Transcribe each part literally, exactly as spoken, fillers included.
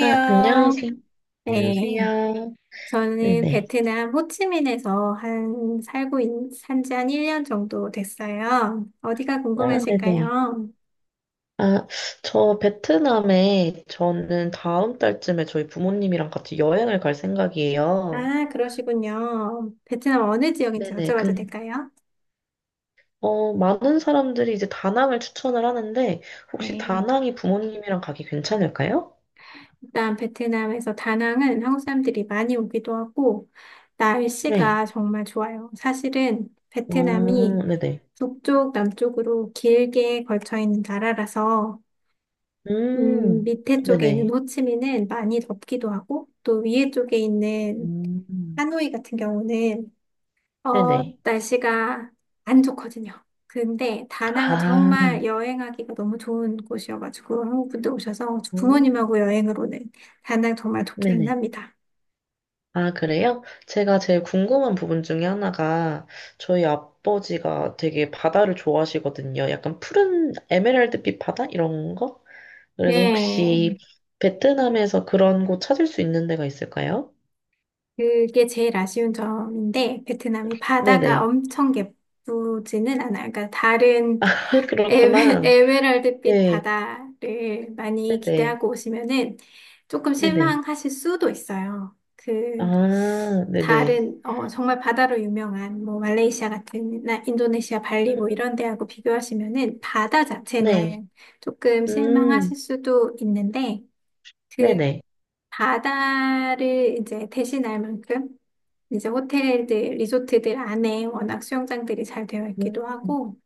아, 안녕하세요. 네. 안녕하세요. 저는 네네. 베트남 호치민에서 한 살고 산지 한 일 년 정도 됐어요. 어디가 아, 네네. 궁금하실까요? 아, 저 베트남에 저는 다음 달쯤에 저희 부모님이랑 같이 여행을 갈 생각이에요. 아, 그러시군요. 베트남 어느 지역인지 네네. 여쭤봐도 근, 될까요? 어, 많은 사람들이 이제 다낭을 추천을 하는데, 혹시 네. 다낭이 부모님이랑 가기 괜찮을까요? 일단 베트남에서 다낭은 한국 사람들이 많이 오기도 하고 네. 날씨가 정말 좋아요. 사실은 어, 베트남이 네네. 북쪽, 남쪽으로 길게 걸쳐 있는 나라라서 음, 음, 밑에 쪽에 있는 네네. 호치민은 많이 덥기도 하고, 또 위에 쪽에 있는 음, 하노이 같은 경우는, 어, 네네. 날씨가 안 좋거든요. 근데 다낭은 아, 정말 여행하기가 너무 좋은 곳이어가지고, 한국 분들 오셔서 음, 부모님하고 여행을 오는 다낭 정말 좋기는 네네. 합니다. 아, 그래요? 제가 제일 궁금한 부분 중에 하나가 저희 아버지가 되게 바다를 좋아하시거든요. 약간 푸른 에메랄드빛 바다? 이런 거? 그래서 네, 혹시 베트남에서 그런 곳 찾을 수 있는 데가 있을까요? 그게 제일 아쉬운 점인데, 베트남이 바다가 네네. 엄청 예쁘지는 않아요. 그러니까 다른 아, 에메- 그렇구나. 에메랄드빛 네. 바다를 많이 네네. 기대하고 오시면은 조금 네네. 실망하실 수도 있어요. 그 아, 네네. 다른 어 정말 바다로 유명한 뭐 말레이시아 같은 나 인도네시아 발리 뭐 음, 이런 데하고 비교하시면은 바다 네. 자체는 조금 음, 실망하실 수도 있는데 그 네네. 바다를 이제 대신할 만큼 이제 호텔들 리조트들 안에 워낙 수영장들이 잘 되어 있기도 음, 하고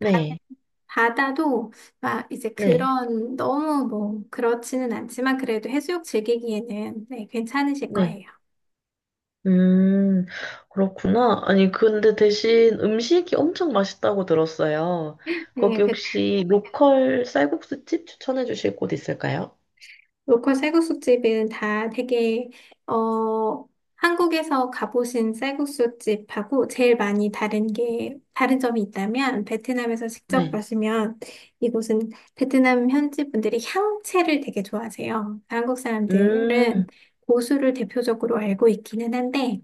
네. 바다도 막 이제 네. 그런 너무 뭐 그렇지는 않지만 그래도 해수욕 즐기기에는 네, 괜찮으실 네. 거예요. 음, 그렇구나. 아니, 근데 대신 음식이 엄청 맛있다고 들었어요. 네, 거기 베- 혹시 로컬 쌀국수집 추천해 주실 곳 있을까요? 로컬 쌀국수집은 다 되게 어 한국에서 가보신 쌀국수집하고 제일 많이 다른 게 다른 점이 있다면 베트남에서 직접 네. 가시면 이곳은 베트남 현지 분들이 향채를 되게 좋아하세요. 한국 사람들은 음, 고수를 대표적으로 알고 있기는 한데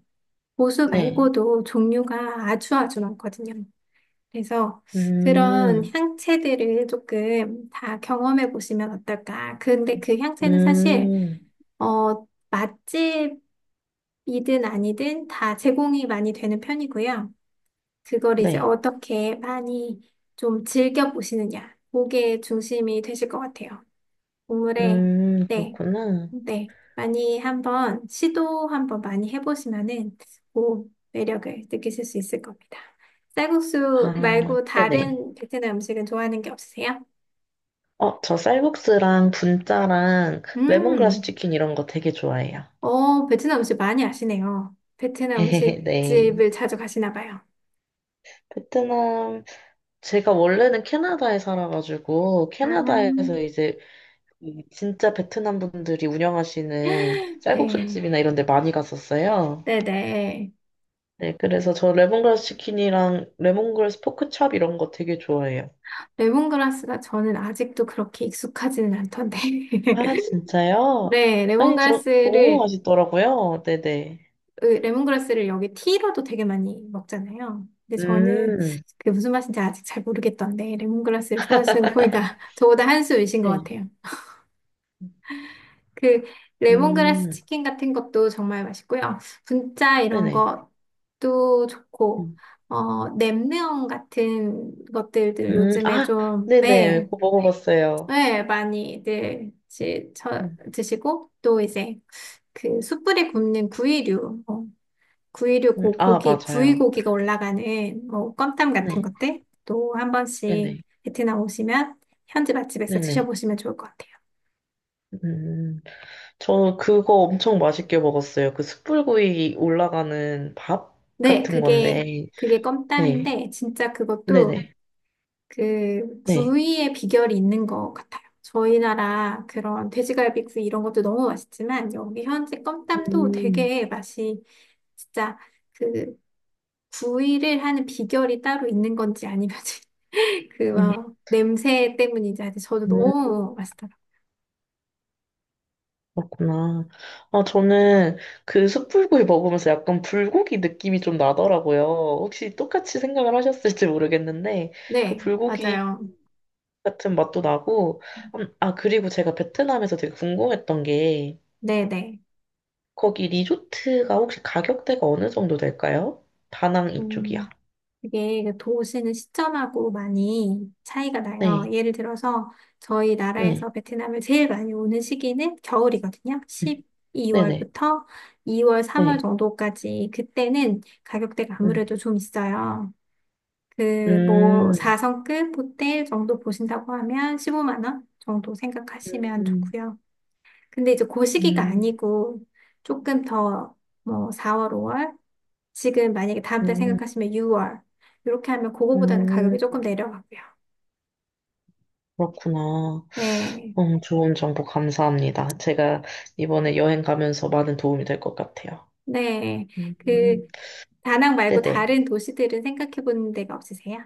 고수 네. 말고도 종류가 아주 아주 많거든요. 그래서 그런 음, 향채들을 조금 다 경험해 보시면 어떨까. 근데 그 향채는 사실, 음, 어, 맛집이든 아니든 다 제공이 많이 되는 편이고요. 그걸 이제 네. 어떻게 많이 좀 즐겨 보시느냐. 그게 중심이 되실 것 같아요. 오물에 음, 네. 그렇구나. 네, 많이 한번 시도 한번 많이 해보시면은 오 매력을 느끼실 수 있을 겁니다. 쌀국수 아, 말고 네네. 다른 베트남 음식은 좋아하는 게 없으세요? 어, 저 쌀국수랑 분짜랑 레몬그라스 음, 치킨 이런 거 되게 좋아해요. 어 베트남 음식 많이 아시네요. 베트남 네. 음식집을 자주 가시나 봐요. 베트남 제가 원래는 캐나다에 살아가지고, 아, 캐나다에서 이제 이 진짜 베트남 분들이 운영하시는 네, 쌀국수집이나 이런 데 많이 갔었어요. 네네. 네, 그래서 저 레몬그라스 치킨이랑 레몬그라스 포크찹 이런 거 되게 좋아해요. 레몬그라스가 저는 아직도 그렇게 익숙하지는 않던데. 아, 진짜요? 네, 아니, 저 너무 레몬그라스를 맛있더라고요. 네네. 그 레몬그라스를 여기 티로도 되게 많이 먹잖아요. 근데 저는 음, 그게 무슨 맛인지 아직 잘 모르겠던데 레몬그라스를 좋아하시는 거 보니까 저보다 한 수 위신 것 네. 같아요. 그 레몬그라스 음, 치킨 같은 것도 정말 맛있고요. 분짜 이런 네네. 것도 좋고 음, 어 냄비형 같은 것들들 음, 요즘에 아, 좀 네네. 네, 그거 먹어봤어요. 네 많이들 지- 저- 음, 드시고 또 이제 그 숯불에 굽는 구이류 어, 구이류 음, 고, 아, 고기, 구이 맞아요. 고기가 올라가는 뭐 껌땀 같은 네, 것들 또 한 번씩 네네. 베트남 오시면 현지 맛집에서 네네. 드셔보시면 좋을 것 같아요. 음, 저는 그거 엄청 맛있게 먹었어요. 그 숯불구이 올라가는 밥 네, 같은 그게 건데, 그게 네, 껌땀인데 진짜 그것도 네네, 그 네. 구이의 비결이 있는 것 같아요. 저희 나라 그런 돼지갈비 구이 이런 것도 너무 맛있지만 여기 현지 껌땀도 음, 되게 맛이 진짜 그 구이를 하는 비결이 따로 있는 건지 아니면 그 음, 막 냄새 때문인지 아직 저도 음, 너무 맛있더라고요. 그렇구나. 아, 저는 그 숯불구이 먹으면서 약간 불고기 느낌이 좀 나더라고요. 혹시 똑같이 생각을 하셨을지 모르겠는데, 그 네, 불고기 맞아요. 같은 맛도 나고, 음, 아, 그리고 제가 베트남에서 되게 궁금했던 게, 네네. 거기 리조트가 혹시 가격대가 어느 정도 될까요? 다낭 이쪽이야. 음, 그게 그 도시는 시점하고 많이 차이가 나요. 네, 예를 들어서 저희 네, 나라에서 베트남을 제일 많이 오는 시기는 겨울이거든요. 네, 네, 네, 십이 월부터 이 월, 삼 월 네. 정도까지 그때는 가격대가 음, 아무래도 좀 있어요. 그 뭐 음, 사 성급 호텔 정도 보신다고 하면 십오만 원 정도 생각하시면 음, 좋고요. 근데 이제 고 시기가 음, 아니고 조금 더 뭐 사 월, 오 월 지금 만약에 다음 달 음, 생각하시면 유 월 이렇게 하면 그거보다는 가격이 음. 조금 내려가고요. 그렇구나. 네, 음, 좋은 정보 감사합니다. 제가 이번에 여행 가면서 많은 도움이 될 것 같아요. 네. 그 음, 다낭 말고 네네. 다른 도시들은 생각해 본 데가 없으세요?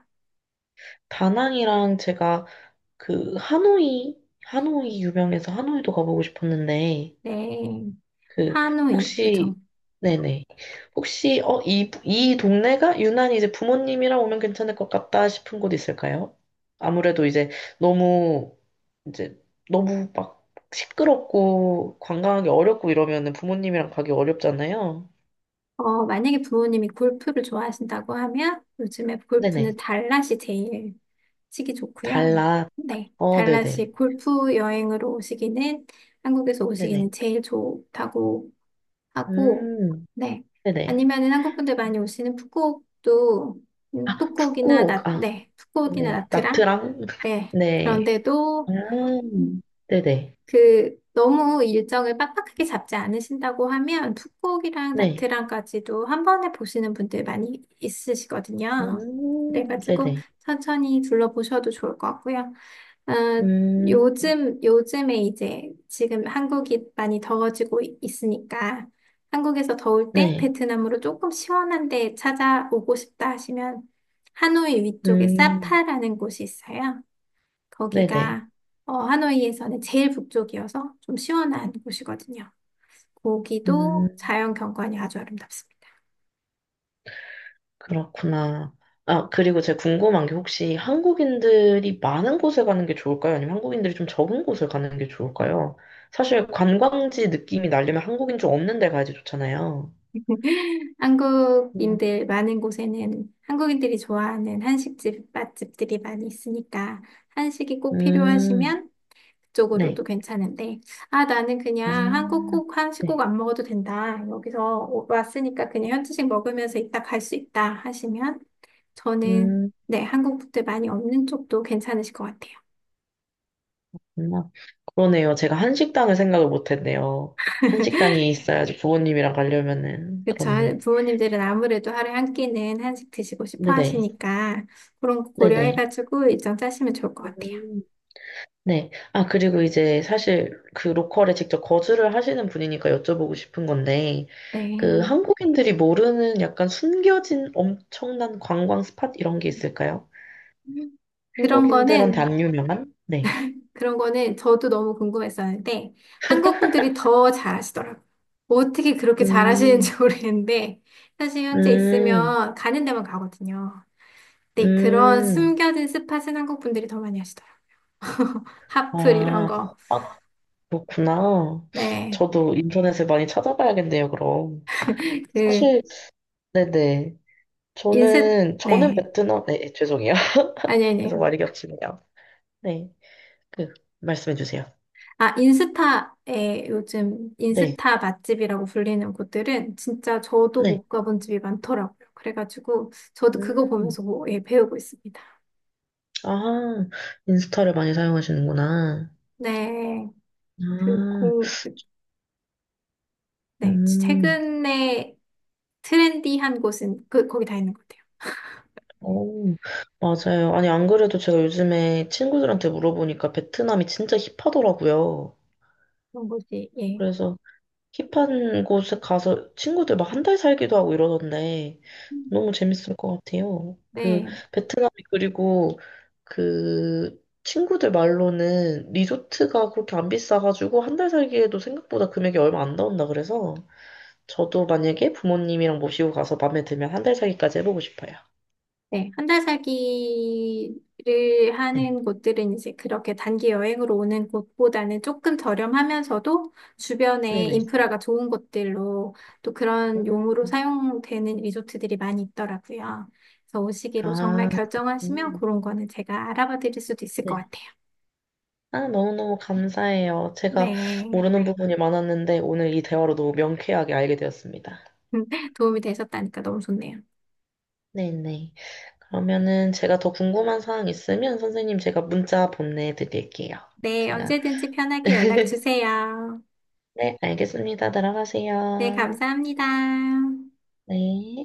다낭이랑 제가 그 하노이, 하노이 유명해서 하노이도 가보고 싶었는데, 네, 그 하노이 혹시 그쵸? 네네 혹시 어 이 이 동네가 유난히 이제 부모님이랑 오면 괜찮을 것 같다 싶은 곳 있을까요? 아무래도 이제 너무 이제 너무 막 시끄럽고 관광하기 어렵고 이러면은 부모님이랑 가기 어렵잖아요. 어, 만약에 부모님이 골프를 좋아하신다고 하면 요즘에 네네 골프는 달랏이 제일 치기 좋고요. 달라 네, 어 네네 달랏이 골프 여행으로 오시기는 한국에서 오시기는 네네 제일 좋다고 하고, 음 네. 네네 아니면은 한국 분들 많이 오시는 푸꾸옥도 음, 아 푸꾸옥이나 북극 나, 아 네, 푸꾸옥이나 네네 나트랑, 나트랑 네. 네 아, 그런데도 네네 그 너무 일정을 빡빡하게 잡지 않으신다고 하면 풋고기랑 네 나트랑까지도 한 번에 보시는 분들 많이 있으시거든요. 음, 그래가지고 네네. 천천히 둘러보셔도 좋을 것 같고요. 어, 음, 요즘, 요즘에 이제 지금 한국이 많이 더워지고 이- 있으니까 한국에서 더울 때 네. 베트남으로 조금 시원한 데 찾아오고 싶다 하시면 하노이 위쪽에 음, 사파라는 곳이 있어요. 네네. 거기가 어, 하노이에서는 제일 북쪽이어서 좀 시원한 곳이거든요. 거기도 음, 자연 경관이 아주 아름답습니다. 그렇구나. 아, 그리고 제가 궁금한 게 혹시 한국인들이 많은 곳에 가는 게 좋을까요? 아니면 한국인들이 좀 적은 곳에 가는 게 좋을까요? 사실 관광지 느낌이 나려면 한국인 좀 없는 데 가야지 좋잖아요. 음, 한국인들 많은 곳에는 한국인들이 좋아하는 한식집 맛집들이 많이 있으니까 한식이 꼭 음, 필요하시면 네. 그쪽으로도 괜찮은데 아 나는 그냥 한국 아, 꼭 한식 꼭 네. 안 먹어도 된다. 여기서 오- 왔으니까 그냥 현지식 먹으면서 이따 갈 수 있다 하시면 저는 음, 네, 한국 분들 많이 없는 쪽도 괜찮으실 것 같아요. 그렇구나. 그러네요. 제가 한식당을 생각을 못 했네요. 한식당이 있어야지 부모님이랑 가려면은 그쵸. 한- 그렇네. 부모님들은 아무래도 하루에 한 끼는 한식 드시고 싶어 네네. 하시니까 그런 거 네네. 고려해가지고 일정 짜시면 좋을 것 같아요. 음. 네. 아, 그리고 이제 사실 그 로컬에 직접 거주를 하시는 분이니까 여쭤보고 싶은 건데, 그 네. 한국인들이 모르는 약간 숨겨진 엄청난 관광 스팟 이런 게 있을까요? 그런 한국인들한테 거는, 안 유명한? 네. 그런 거는 저도 너무 궁금했었는데 한국 분들이 더 잘하시더라고요. 어떻게 그렇게 음, 잘하시는지 모르겠는데 사실 현재 음, 있으면 가는 데만 가거든요. 네, 그런 음. 숨겨진 스팟은 한국 분들이 더 많이 하시더라고요. 핫플 이런 아, 거. 아, 그렇구나. 네. 저도 인터넷을 많이 찾아봐야겠네요, 그럼. 그 사실, 네네. 인셋 저는, 저는 네. 베트남, 네, 죄송해요. 아니 계속 아니에요. 많이 겹치네요. 네. 그, 말씀해 주세요. 아, 인스타에 요즘 네. 인스타 맛집이라고 불리는 곳들은 진짜 저도 네. 못 가본 집이 많더라고요. 그래가지고 저도 그거 음, 보면서 뭐, 예, 배우고 있습니다. 아, 인스타를 많이 사용하시는구나. 네, 그 아, 공, 네, 음, 최근에 트렌디한 곳은 그 거기 다 있는 것 같아요. 오, 맞아요. 아니, 안 그래도 제가 요즘에 친구들한테 물어보니까 베트남이 진짜 힙하더라고요. 그런 곳이 예, 그래서 힙한 곳에 가서 친구들 막 한 달 살기도 하고 이러던데 너무 재밌을 것 같아요. 그 네. 베트남이 그리고 그 친구들 말로는 리조트가 그렇게 안 비싸가지고 한 달 살기에도 생각보다 금액이 얼마 안 나온다 그래서 저도 만약에 부모님이랑 모시고 가서 마음에 들면 한 달 살기까지 해보고 싶어요. 네, 한 달 살기를 네. 하는 곳들은 이제 그렇게 단기 여행으로 오는 곳보다는 조금 저렴하면서도 주변에 네네. 인프라가 좋은 곳들로 또 그런 용으로 음. 사용되는 리조트들이 많이 있더라고요. 그래서 오시기로 정말 아, 결정하시면 그렇구나. 그런 거는 제가 알아봐 드릴 수도 있을 것 네. 같아요. 아, 너무너무 감사해요. 제가 네. 모르는 부분이 많았는데 오늘 이 대화로 너무 명쾌하게 알게 되었습니다. 도움이 되셨다니까 너무 좋네요. 네네. 그러면은 제가 더 궁금한 사항 있으면 선생님 제가 문자 보내드릴게요. 네, 제가, 언제든지 편하게 연락 주세요. 네, 알겠습니다. 네, 들어가세요. 감사합니다. 네.